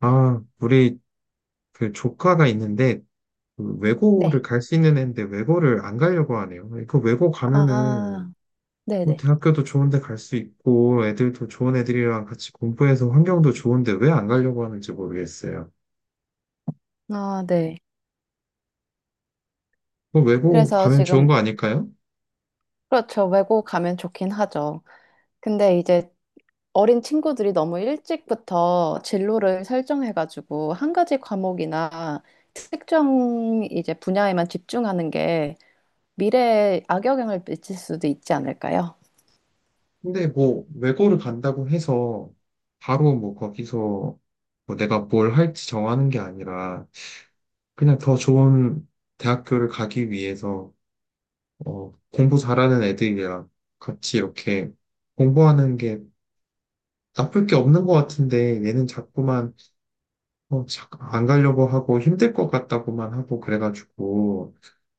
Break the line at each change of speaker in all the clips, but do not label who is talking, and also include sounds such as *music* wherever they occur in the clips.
아, 우리 그 조카가 있는데 그 외고를
네.
갈 수 있는 애인데 외고를 안 가려고 하네요. 그 외고 가면은
아,
뭐
네네.
대학교도 좋은데 갈 수 있고 애들도 좋은 애들이랑 같이 공부해서 환경도 좋은데 왜 안 가려고 하는지 모르겠어요.
아, 네.
뭐 외고
그래서
가면 좋은
지금,
거 아닐까요?
그렇죠. 외고 가면 좋긴 하죠. 근데 이제 어린 친구들이 너무 일찍부터 진로를 설정해가지고 한 가지 과목이나 특정 이제 분야에만 집중하는 게 미래에 악영향을 미칠 수도 있지 않을까요?
근데 뭐 외고를 간다고 해서 바로 뭐 거기서 뭐 내가 뭘 할지 정하는 게 아니라 그냥 더 좋은 대학교를 가기 위해서 공부 잘하는 애들이랑 같이 이렇게 공부하는 게 나쁠 게 없는 것 같은데 얘는 자꾸만 안 가려고 하고 힘들 것 같다고만 하고 그래가지고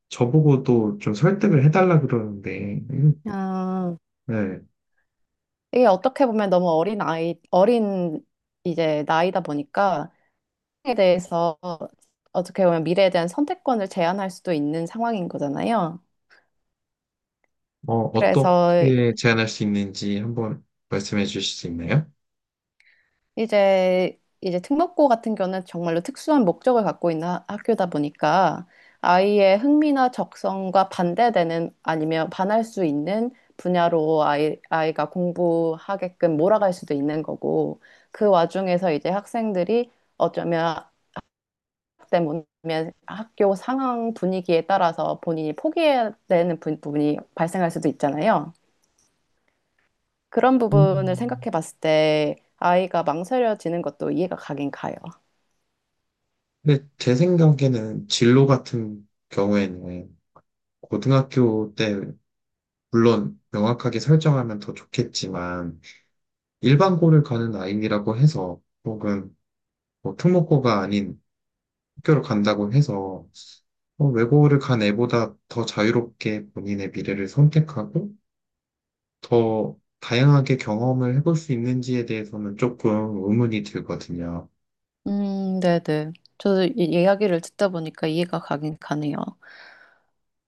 저보고도 좀 설득을 해달라 그러는데
아,
네.
이게 어떻게 보면 너무 어린 이제 나이다 보니까 에 대해서 어떻게 보면 미래에 대한 선택권을 제한할 수도 있는 상황인 거잖아요. 그래서
어떻게 제안할 수 있는지 한번 말씀해 주실 수 있나요?
이제 특목고 같은 경우는 정말로 특수한 목적을 갖고 있는 학교다 보니까 아이의 흥미나 적성과 반대되는 아니면 반할 수 있는 분야로 아이가 공부하게끔 몰아갈 수도 있는 거고 그 와중에서 이제 학생들이 어쩌면 때문에 학교 상황 분위기에 따라서 본인이 포기해야 되는 부분이 발생할 수도 있잖아요. 그런 부분을
음,
생각해 봤을 때 아이가 망설여지는 것도 이해가 가긴 가요.
근데 제 생각에는 진로 같은 경우에는 고등학교 때 물론 명확하게 설정하면 더 좋겠지만 일반고를 가는 아이라고 해서 혹은 뭐 특목고가 아닌 학교를 간다고 해서 외고를 간 애보다 더 자유롭게 본인의 미래를 선택하고 더 다양하게 경험을 해볼 수 있는지에 대해서는 조금 의문이 들거든요.
네네. 저도 이 이야기를 듣다 보니까 이해가 가긴 가네요.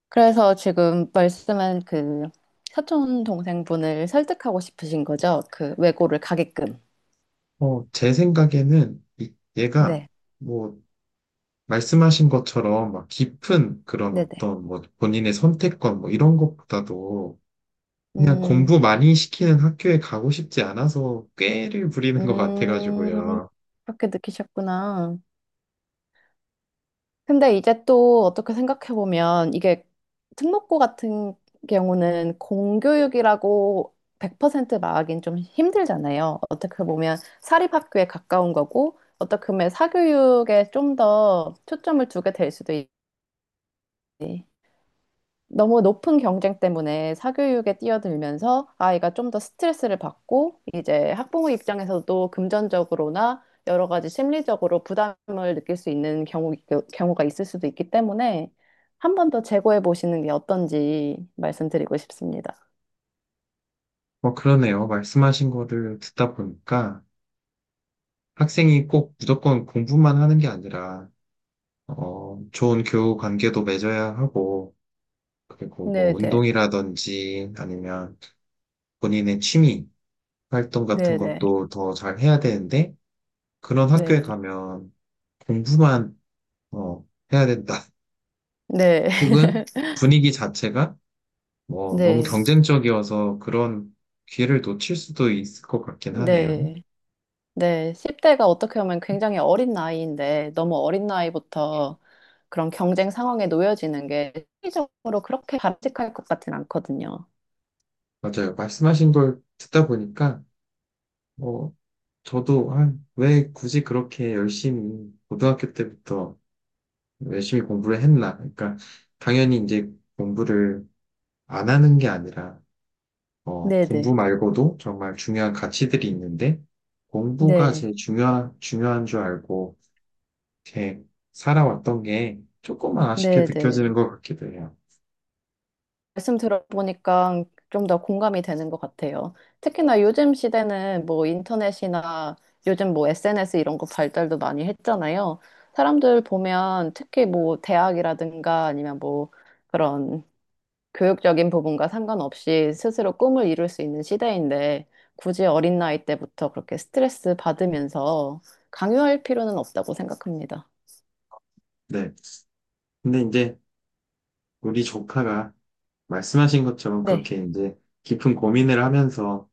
그래서 지금 말씀한 그 사촌 동생분을 설득하고 싶으신 거죠? 그 외고를 가게끔.
제 생각에는 얘가
네,
뭐 말씀하신 것처럼 막 깊은 그런
네네.
어떤 뭐 본인의 선택권 뭐 이런 것보다도 그냥
음,
공부 많이 시키는 학교에 가고 싶지 않아서 꾀를 부리는 것
음,
같아가지고요.
그렇게 느끼셨구나. 근데 이제 또 어떻게 생각해보면 이게 특목고 같은 경우는 공교육이라고 100% 말하긴 좀 힘들잖아요. 어떻게 보면 사립학교에 가까운 거고 어떻게 보면 사교육에 좀 더 초점을 두게 될 수도 있지. 너무 높은 경쟁 때문에 사교육에 뛰어들면서 아이가 좀 더 스트레스를 받고 이제 학부모 입장에서도 금전적으로나 여러 가지 심리적으로 부담을 느낄 수 있는 경우가 있을 수도 있기 때문에 한 번 더 재고해 보시는 게 어떤지 말씀드리고 싶습니다.
그러네요. 말씀하신 거를 듣다 보니까 학생이 꼭 무조건 공부만 하는 게 아니라, 좋은 교우 관계도 맺어야 하고, 그리고 뭐
네네.
운동이라든지 아니면 본인의 취미 활동 같은
네네.
것도 더 잘 해야 되는데, 그런 학교에
네.
가면 공부만, 어, 해야 된다. *laughs*
네.
혹은
*laughs*
분위기 자체가 뭐, 너무
네.
경쟁적이어서 그런 기회를 놓칠 수도 있을 것 같긴 하네요.
네. 네, 10대가 어떻게 보면 굉장히 어린 나이인데 너무 어린 나이부터 그런 경쟁 상황에 놓여지는 게 심리적으로 그렇게 바람직할 것 같진 않거든요.
맞아요. 말씀하신 걸 듣다 보니까, 뭐, 저도 아, 왜 굳이 그렇게 열심히, 고등학교 때부터 열심히 공부를 했나. 그러니까, 당연히 이제 공부를 안 하는 게 아니라, 공부
네네.
말고도 정말 중요한 가치들이 있는데, 공부가
네.
제일 중요한 줄 알고, 이렇게 살아왔던 게 조금만 아쉽게 느껴지는
네네.
것 같기도 해요.
말씀 들어보니까 좀 더 공감이 되는 것 같아요. 특히나 요즘 시대는 뭐 인터넷이나 요즘 뭐 SNS 이런 거 발달도 많이 했잖아요. 사람들 보면 특히 뭐 대학이라든가 아니면 뭐 그런 교육적인 부분과 상관없이 스스로 꿈을 이룰 수 있는 시대인데 굳이 어린 나이 때부터 그렇게 스트레스 받으면서 강요할 필요는 없다고 생각합니다.
네. 근데 이제 우리 조카가 말씀하신 것처럼
네,
그렇게 이제 깊은 고민을 하면서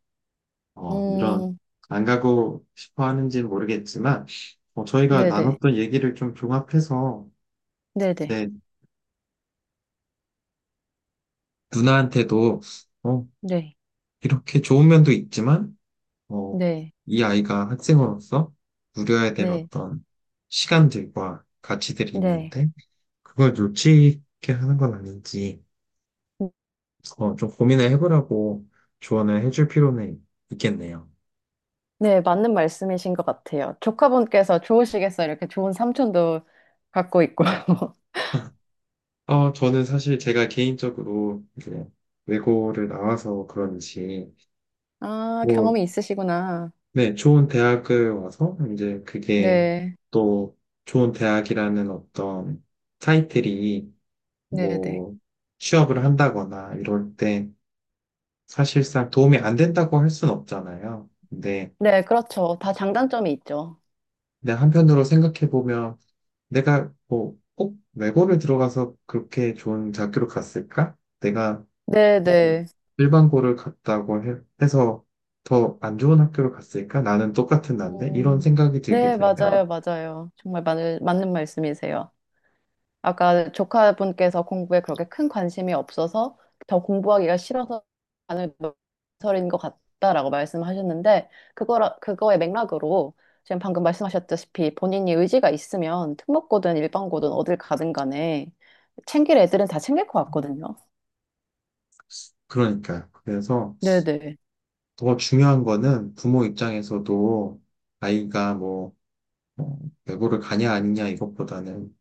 이런
음,
안 가고 싶어 하는지는 모르겠지만 저희가
네네,
나눴던 얘기를 좀 종합해서
네네,
제 누나한테도 어,
네,
이렇게 좋은 면도 있지만 어,
네,
이 아이가 학생으로서 누려야 될
네,
어떤 시간들과 가치들이
네.
있는데 그걸 놓치게 하는 건 아닌지 좀 고민을 해보라고 조언을 해줄 필요는 있겠네요.
네, 맞는 말씀이신 것 같아요. 조카분께서 좋으시겠어요. 이렇게 좋은 삼촌도 갖고 있고. *laughs*
아, 저는 사실 제가 개인적으로 이제 외고를 나와서 그런지,
아,
뭐,
경험이 있으시구나.
네, 좋은 대학을 와서 이제 그게
네,
또 좋은 대학이라는 어떤 타이틀이
네네.
뭐 취업을 한다거나 이럴 때 사실상 도움이 안 된다고 할 순 없잖아요. 근데,
네, 그렇죠. 다 장단점이 있죠.
근데 한편으로 생각해 보면 내가 뭐 꼭 외고를 들어가서 그렇게 좋은 대학교로 갔을까? 내가
네네.
일반고를 갔다고 해서 더 안 좋은 학교를 갔을까? 나는 똑같은 난데? 이런
음,
생각이
네,
들기도 해요.
맞아요, 맞아요. 정말 맞는 말씀이세요. 아까 조카분께서 공부에 그렇게 큰 관심이 없어서 더 공부하기가 싫어서 반을 망설인 것 같다라고 말씀하셨는데, 그거의 맥락으로 지금 방금 말씀하셨다시피 본인이 의지가 있으면 특목고든 일반고든 어딜 가든 간에 챙길 애들은 다 챙길 것 같거든요.
그러니까요. 그래서
네네.
더 중요한 거는 부모 입장에서도 아이가 뭐, 어, 외고를 가냐 아니냐 이것보다는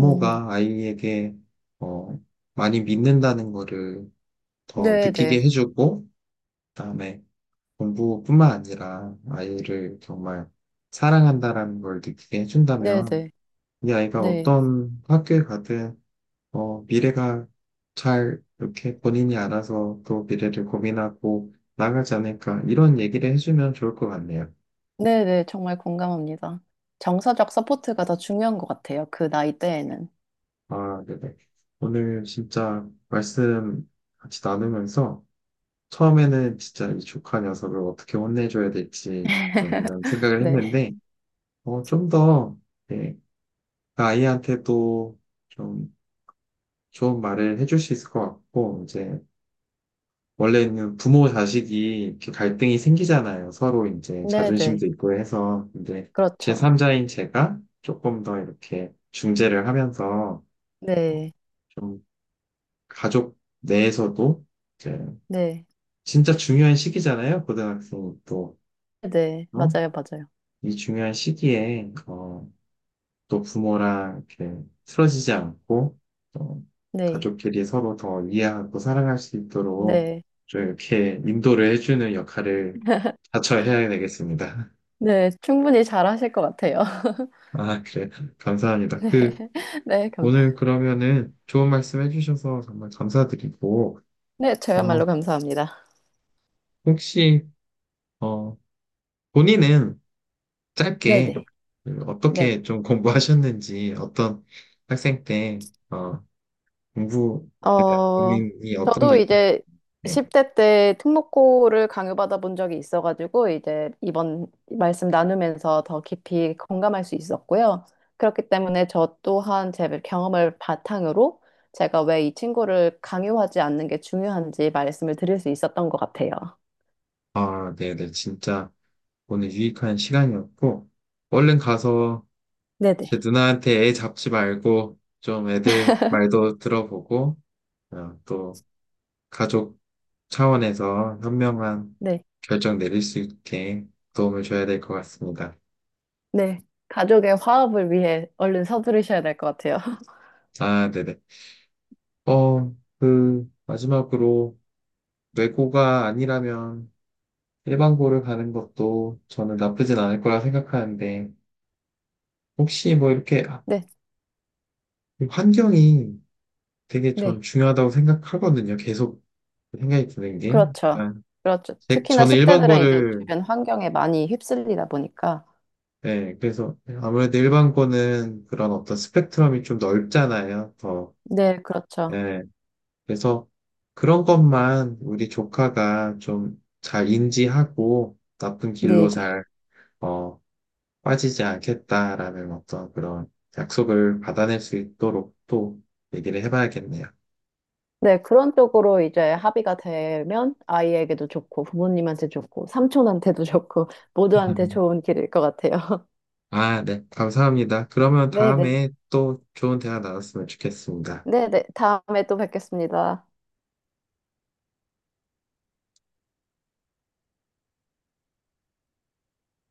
음,
아이에게 어, 많이 믿는다는 거를 더 느끼게
네네.
해주고 그다음에 공부뿐만 아니라 아이를 정말 사랑한다라는 걸 느끼게 해준다면
네네.
이 아이가
네.
어떤 학교에 가든 미래가 잘 이렇게 본인이 알아서 또 미래를 고민하고 나가지 않을까 이런 얘기를 해주면 좋을 것 같네요.
네네, 정말 공감합니다. 정서적 서포트가 더 중요한 것 같아요. 그 나이대에는.
아, 네네. 오늘 진짜 말씀 같이 나누면서 처음에는 진짜 이 조카 녀석을 어떻게 혼내줘야 될지 좀 이런 생각을
네.
했는데 좀 더, 예, 그 아이한테도 좀 좋은 말을 해줄 수 있을 것 같고 이제 원래는 부모 자식이 이렇게 갈등이 생기잖아요. 서로 이제
네네.
자존심도 있고 해서. 근데
그렇죠.
제3자인 제가 조금 더 이렇게 중재를 하면서 어,
네.
좀 가족 내에서도 이제
네.
진짜 중요한 시기잖아요. 고등학생이 또.
네.
어?
맞아요. 맞아요.
이 중요한 시기에 또 부모랑 이렇게 틀어지지 않고 또
네.
가족끼리 서로 더 이해하고 사랑할 수 있도록
네.
좀 이렇게 인도를 해주는 역할을 자처해야 되겠습니다.
네. 충분히 잘하실 것 같아요.
*laughs* 아, 그래.
*laughs*
감사합니다.
네.
그,
네. 감사.
오늘 그러면은 좋은 말씀 해주셔서 정말 감사드리고,
네.
어,
저야말로 감사합니다.
혹시, 어, 본인은 짧게
네네.
그
네.
어떻게 좀 공부하셨는지, 어떤 학생 때, 어, 공부에 대한
어,
고민이 어떤 게
저도
있나요?
이제 10대 때 특목고를 강요받아 본 적이 있어가지고, 이제 이번 말씀 나누면서 더 깊이 공감할 수 있었고요. 그렇기 때문에 저 또한 제 경험을 바탕으로 제가 왜 이 친구를 강요하지 않는 게 중요한지 말씀을 드릴 수 있었던 것 같아요.
아, 네네. 진짜 오늘 유익한 시간이었고, 얼른 가서 제
네네.
누나한테 애 잡지 말고, 좀 애들 말도 들어보고, 또 가족 차원에서 현명한
네,
결정 내릴 수 있게 도움을 줘야 될 것 같습니다.
네. 가족의 화합을 위해 얼른 서두르셔야 될 것 같아요. *laughs*
아, 네네. 어, 그, 마지막으로 외고가 아니라면 일반고를 가는 것도 저는 나쁘진 않을 거라 생각하는데, 혹시 뭐 이렇게 아,
네,
환경이 되게 전
네.
중요하다고 생각하거든요. 계속 생각이 드는 게.
그렇죠.
그냥
그렇죠. 특히나
저는
10대들은 이제
일반고를,
주변 환경에 많이 휩쓸리다 보니까.
네, 그래서 아무래도 일반고는 그런 어떤 스펙트럼이 좀 넓잖아요. 더.
네, 그렇죠.
예, 그래서 그런 것만 우리 조카가 좀 잘 인지하고 나쁜 길로
네, 네.
잘, 어, 빠지지 않겠다라는 어떤 그런 약속을 받아낼 수 있도록 또 얘기를 해봐야겠네요.
네, 그런 쪽으로 이제 합의가 되면 아이에게도 좋고, 부모님한테 좋고, 삼촌한테도 좋고, 모두한테
*laughs*
좋은 길일 것 같아요. *laughs*
아, 네. 감사합니다. 그러면
네, 네.
다음에 또 좋은 대화 나눴으면 좋겠습니다.
네, 네. 다음에 또 뵙겠습니다.